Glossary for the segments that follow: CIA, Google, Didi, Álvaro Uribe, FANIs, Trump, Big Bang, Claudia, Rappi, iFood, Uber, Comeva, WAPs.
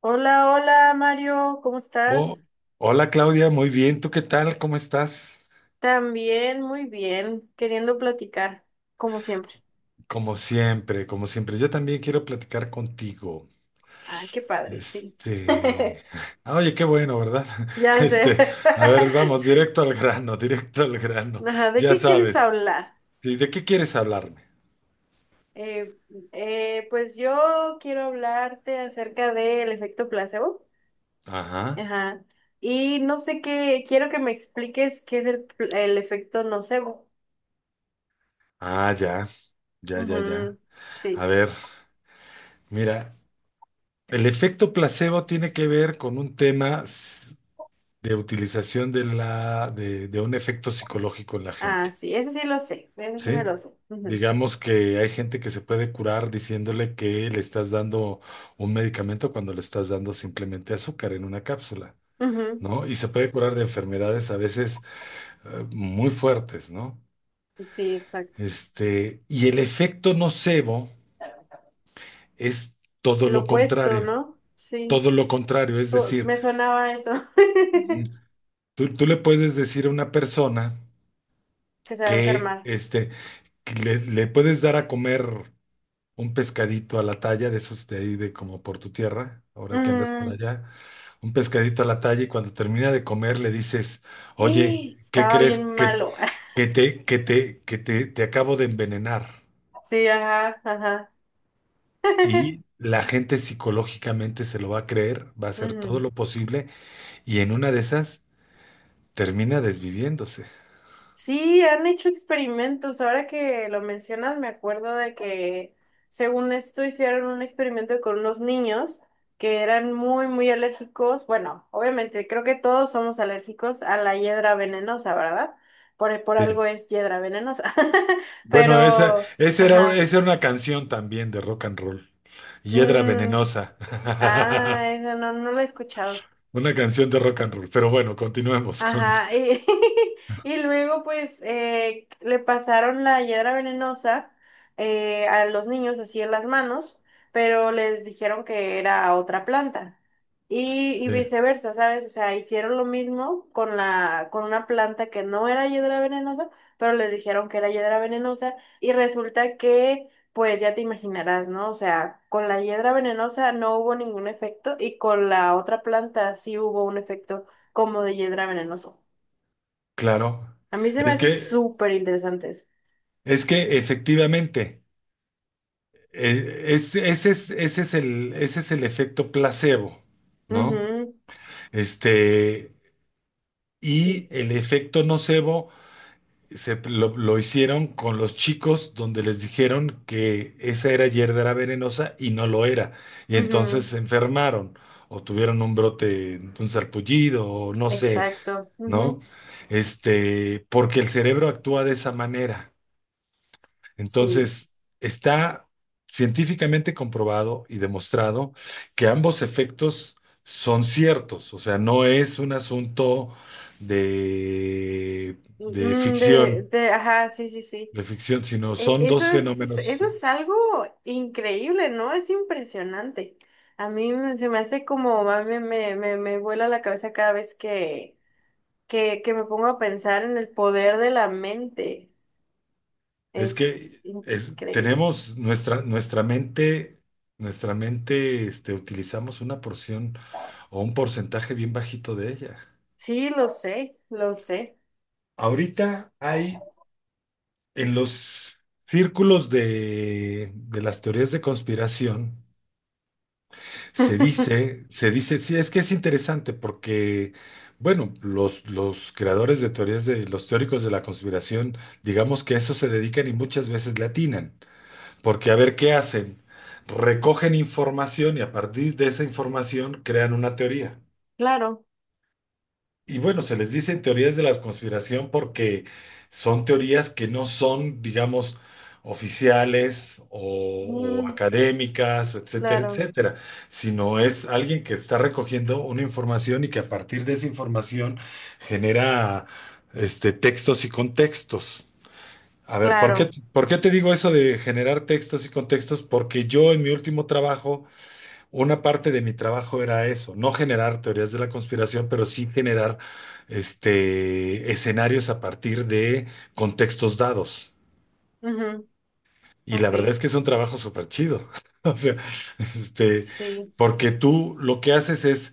Hola, hola Mario, ¿cómo Oh, estás? hola Claudia, muy bien. ¿Tú qué tal? ¿Cómo estás? También, muy bien, queriendo platicar, como siempre. Como siempre, como siempre. Yo también quiero platicar contigo. Ay, qué padre, sí. Este, oye, qué bueno, ¿verdad? Ya sé. Este, a ver, vamos, directo al grano, directo al grano. Ajá, ¿de Ya qué quieres sabes. hablar? ¿Y de qué quieres hablarme? Eh, pues yo quiero hablarte acerca del efecto placebo. Ajá. Ajá. Y no sé qué, quiero que me expliques qué es el efecto nocebo. Ah, ya, ya, ya, ya. Ujú. A Sí. ver, mira, el efecto placebo tiene que ver con un tema de utilización de de un efecto psicológico en la Ah, gente. sí, ese sí lo sé, ese sí me Sí, lo sé. Ujú, digamos que hay gente que se puede curar diciéndole que le estás dando un medicamento cuando le estás dando simplemente azúcar en una cápsula, ujú. ¿no? Y se puede curar de enfermedades a veces muy fuertes, ¿no? Sí, exacto. Y el efecto nocebo es todo Lo lo opuesto, contrario, ¿no? Sí, todo lo contrario, es decir, me sonaba eso. ujú, tú le puedes decir a una persona Que se va a que, enfermar. Que le puedes dar a comer un pescadito a la talla, de esos de ahí de como por tu tierra, ahora que andas por Mm. allá, un pescadito a la talla y cuando termina de comer le dices, oye, ¿qué Estaba crees bien malo. Te acabo de envenenar? Sí, ajá, ajá. Y la gente psicológicamente se lo va a creer, va a hacer todo Ujú. lo posible y en una de esas termina desviviéndose. Sí, han hecho experimentos. Ahora que lo mencionas, me acuerdo de que, según esto, hicieron un experimento con unos niños que eran muy, muy alérgicos. Bueno, obviamente, creo que todos somos alérgicos a la hiedra venenosa, ¿verdad? Por Sí. algo es hiedra venenosa. Bueno, Pero, ajá. esa era una canción también de rock and roll. Hiedra Mm, venenosa. ah, esa no, no la he escuchado. Una canción de rock and roll. Pero bueno, continuemos con. Ajá, y, y luego pues le pasaron la hiedra venenosa a los niños así en las manos, pero les dijeron que era otra planta. Y Sí, viceversa, ¿sabes? O sea, hicieron lo mismo con la, con una planta que no era hiedra venenosa, pero les dijeron que era hiedra venenosa y resulta que, pues ya te imaginarás, ¿no? O sea, con la hiedra venenosa no hubo ningún efecto y con la otra planta sí hubo un efecto como de Hiedra Venenoso. claro. A mí se me Es hace que, súper interesantes. es que efectivamente, ese es ese es el efecto placebo, ¿no? Ujú, Este, y sí, el efecto nocebo se, lo hicieron con los chicos donde les dijeron que esa era hierba venenosa y no lo era. Y entonces ujú, se enfermaron o tuvieron un brote, un sarpullido o no sé, exacto, ¿no? ujú, Porque el cerebro actúa de esa manera. sí. Entonces, está científicamente comprobado y demostrado que ambos efectos son ciertos, o sea, no es un asunto de, de Mm, ficción, ajá, sí, sí, sí. de ficción, sino son Eso dos es, fenómenos. eso es algo increíble, ¿no? Es impresionante. Se me hace como, a mí me vuela la cabeza cada vez que me pongo a pensar en el poder de la mente. Es increíble. Tenemos nuestra mente, utilizamos una porción o un porcentaje bien bajito de ella. Sí, lo sé, lo sé. Ahorita hay en los círculos de las teorías de conspiración, se dice, sí, es que es interesante porque, bueno, los creadores de teorías de los teóricos de la conspiración, digamos que a eso se dedican y muchas veces le atinan, porque a ver qué hacen, recogen información y a partir de esa información crean una teoría. Claro. Y bueno, se les dicen teorías de la conspiración porque son teorías que no son, digamos, oficiales o Mm, académicas, etcétera, claro, etcétera, sino es alguien que está recogiendo una información y que a partir de esa información genera, textos y contextos. A ver, claro. ¿por qué te digo eso de generar textos y contextos? Porque yo en mi último trabajo una parte de mi trabajo era eso, no generar teorías de la conspiración, pero sí generar, escenarios a partir de contextos dados. Ujú, Y la ok, verdad es que es un trabajo súper chido. O sea, este, sí. porque tú lo que haces es,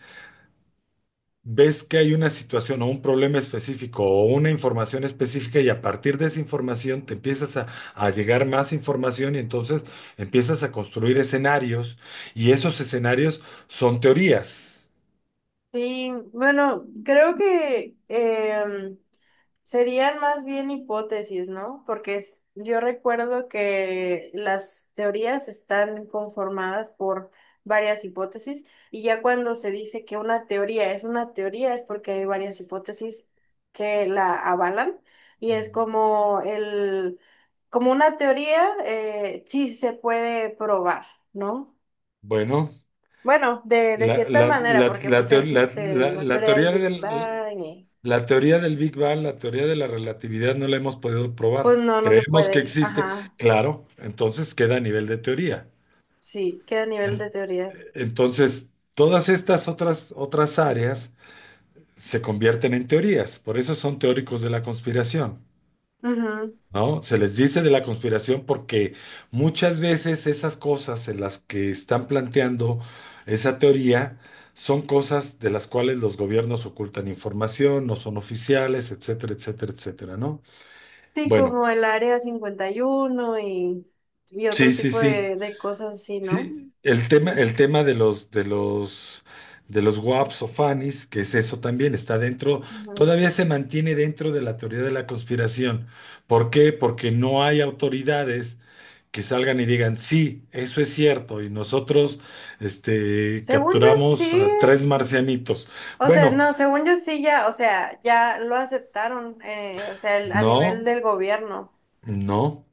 ves que hay una situación o un problema específico o una información específica y a partir de esa información te empiezas a llegar más información y entonces empiezas a construir escenarios y esos escenarios son teorías. Sí, bueno, creo que serían más bien hipótesis, ¿no? Porque yo recuerdo que las teorías están conformadas por varias hipótesis y ya cuando se dice que una teoría es porque hay varias hipótesis que la avalan y es como el, como una teoría, sí se puede probar, ¿no? Bueno, Bueno, de la, cierta la, manera, la, porque la, pues teo- la- existe la- la la teoría del teoría Big Bang y la teoría del Big Bang, la teoría de la relatividad no la hemos podido pues probar. no, no se Creemos que puede, existe, ajá. claro, entonces queda a nivel de teoría. Sí, queda a nivel de En- teoría. Entonces, todas estas otras áreas se convierten en teorías, por eso son teóricos de la conspiración. Ujú. ¿No? Se les dice de la conspiración porque muchas veces esas cosas en las que están planteando esa teoría son cosas de las cuales los gobiernos ocultan información, no son oficiales, etcétera, etcétera, etcétera, ¿no? Sí, Bueno, como el área 51 y, uno y otro sí, sí, tipo sí. De cosas así, ¿no? Sí, el tema de los WAPs o FANIs, que es eso también, está dentro, Ujú. todavía se mantiene dentro de la teoría de la conspiración. ¿Por qué? Porque no hay autoridades que salgan y digan, sí, eso es cierto, y nosotros, Según yo capturamos sí, a tres marcianitos. o sea, Bueno, no, según yo sí ya, o sea, ya lo aceptaron, o sea, a nivel no, del gobierno. no,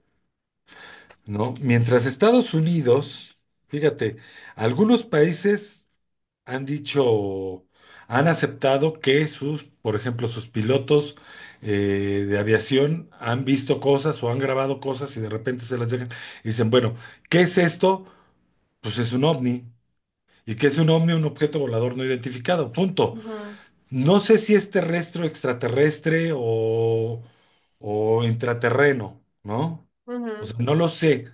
no. Mientras Estados Unidos, fíjate, algunos países han dicho, han aceptado que sus, por ejemplo, sus pilotos, de aviación han visto cosas o han grabado cosas y de repente se las dejan y dicen, bueno, ¿qué es esto? Pues es un ovni. Y que es un ovni, un objeto volador no identificado. Punto. Ujú, No sé si es terrestre o extraterrestre o intraterreno, ¿no? O ujú. sea, no lo sé,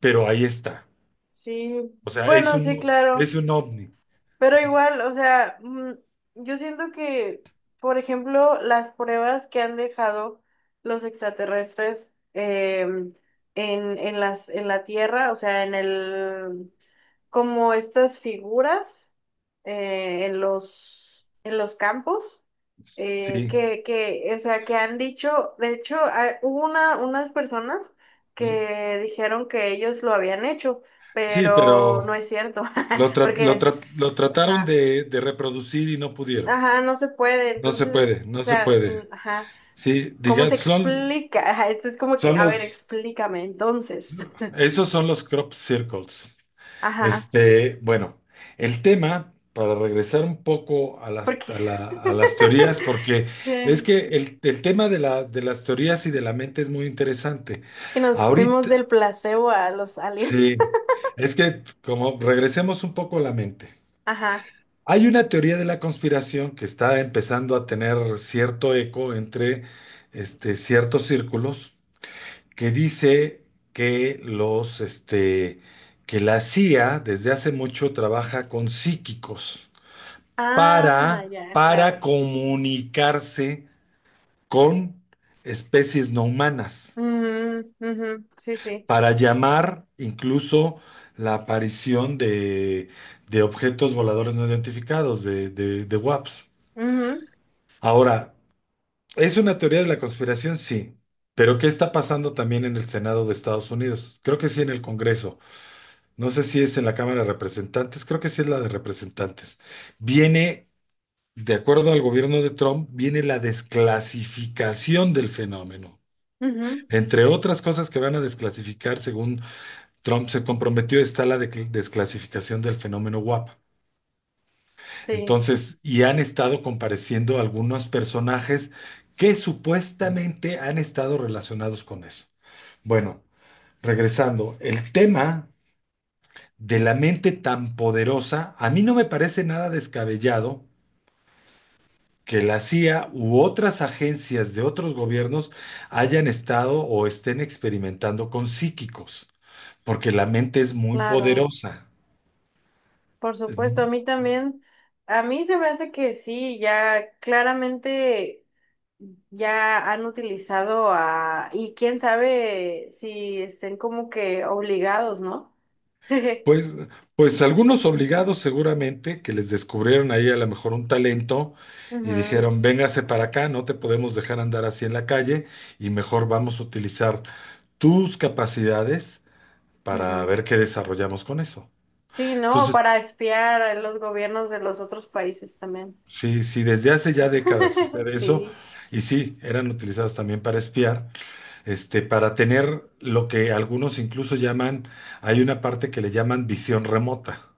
pero ahí está. Sí, O sea, bueno, sí, claro. es un ovni. Pero igual, o sea, mm, yo siento que, por ejemplo, las pruebas que han dejado los extraterrestres en las, en la Tierra, o sea, en el, como estas figuras en los campos, Sí. Que, o sea, que han dicho, de hecho, hubo una, unas personas que dijeron que ellos lo habían hecho, Sí, pero no pero es cierto, porque lo es, trataron ajá, de reproducir y no pudieron. ajá, no se puede, No se puede, entonces, o no se sea, mm, puede. ajá, Sí, ¿cómo digan, se son, explica? Ajá, entonces es como que, son a ver, los, explícame entonces. esos son los crop circles. Ajá, Bueno, el tema, para regresar un poco a porque... a las teorías, porque es Sí. que el tema de de las teorías y de la mente es muy interesante. Y nos fuimos Ahorita, del placebo a los aliens. sí, es que como regresemos un poco a la mente. Ajá. Hay una teoría de la conspiración que está empezando a tener cierto eco entre, ciertos círculos que dice que los, que la CIA desde hace mucho trabaja con psíquicos, Ah, ya, para claro. comunicarse con especies no humanas, Ujú, ujú. Sí, sí. para llamar incluso la aparición de objetos voladores no identificados, de WAPs. Ahora, ¿es una teoría de la conspiración? Sí. Pero ¿qué está pasando también en el Senado de Estados Unidos? Creo que sí en el Congreso. No sé si es en la Cámara de Representantes, creo que sí es la de Representantes. Viene, de acuerdo al gobierno de Trump, viene la desclasificación del fenómeno. Ujú, ujú. Entre otras cosas que van a desclasificar, según Trump se comprometió, está la desclasificación del fenómeno WAP. Sí, Entonces, y han estado compareciendo algunos personajes que supuestamente han estado relacionados con eso. Bueno, regresando, el tema de la mente tan poderosa, a mí no me parece nada descabellado que la CIA u otras agencias de otros gobiernos hayan estado o estén experimentando con psíquicos, porque la mente es muy claro. poderosa. Por Es- supuesto, a mí también. A mí se me hace que sí, ya claramente ya han utilizado a... Y quién sabe si estén como que obligados, ¿no? Pues, pues algunos obligados seguramente que les descubrieron ahí a lo mejor un talento y Ujú, dijeron, véngase para acá, no te podemos dejar andar así en la calle y mejor vamos a utilizar tus capacidades para ujú. ver qué desarrollamos con eso. Sí, ¿no? Entonces, Para espiar a los gobiernos de los otros países también. sí, sí, desde hace ya décadas sucede eso, Sí. y sí, eran utilizados también para espiar, para tener lo que algunos incluso llaman, hay una parte que le llaman visión remota,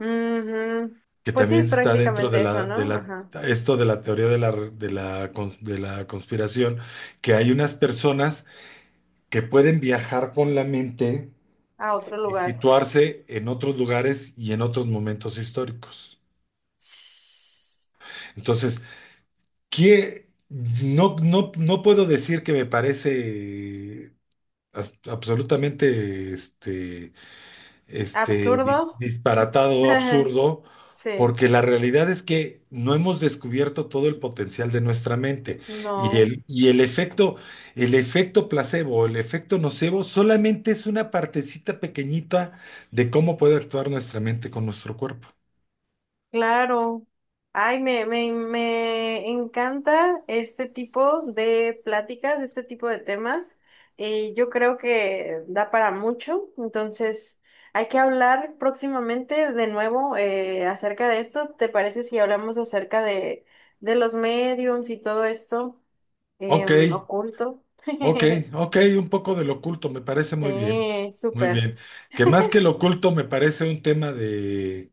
Ujú. que Pues sí, también es está dentro de prácticamente eso, de ¿no? la, Ajá. esto de la teoría de de la, de la conspiración, que hay unas personas que pueden viajar con la mente A otro y lugar. situarse en otros lugares y en otros momentos históricos. S- Entonces, que no, no, no puedo decir que me parece absolutamente Absurdo. disparatado o absurdo, Sí. porque la realidad es que no hemos descubierto todo el potencial de nuestra mente. Y No. El efecto placebo, el efecto nocebo, solamente es una partecita pequeñita de cómo puede actuar nuestra mente con nuestro cuerpo. Claro. Ay, me encanta este tipo de pláticas, este tipo de temas. Y yo creo que da para mucho. Entonces, hay que hablar próximamente de nuevo acerca de esto. ¿Te parece si hablamos acerca de los mediums y todo esto Ok. Oculto? Ok, ok, un poco del oculto, me parece muy bien, Sí, muy súper. bien. Que más que el oculto me parece un tema de,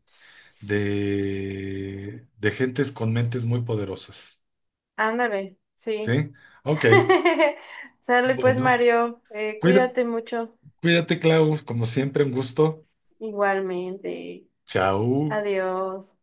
de gentes con mentes muy poderosas, Ándale, sí. ¿sí? Ok, Sale pues, bueno, Mario. Cuida- Cuídate mucho. cuídate, Clau, como siempre, un gusto. Igualmente. Chao. Adiós.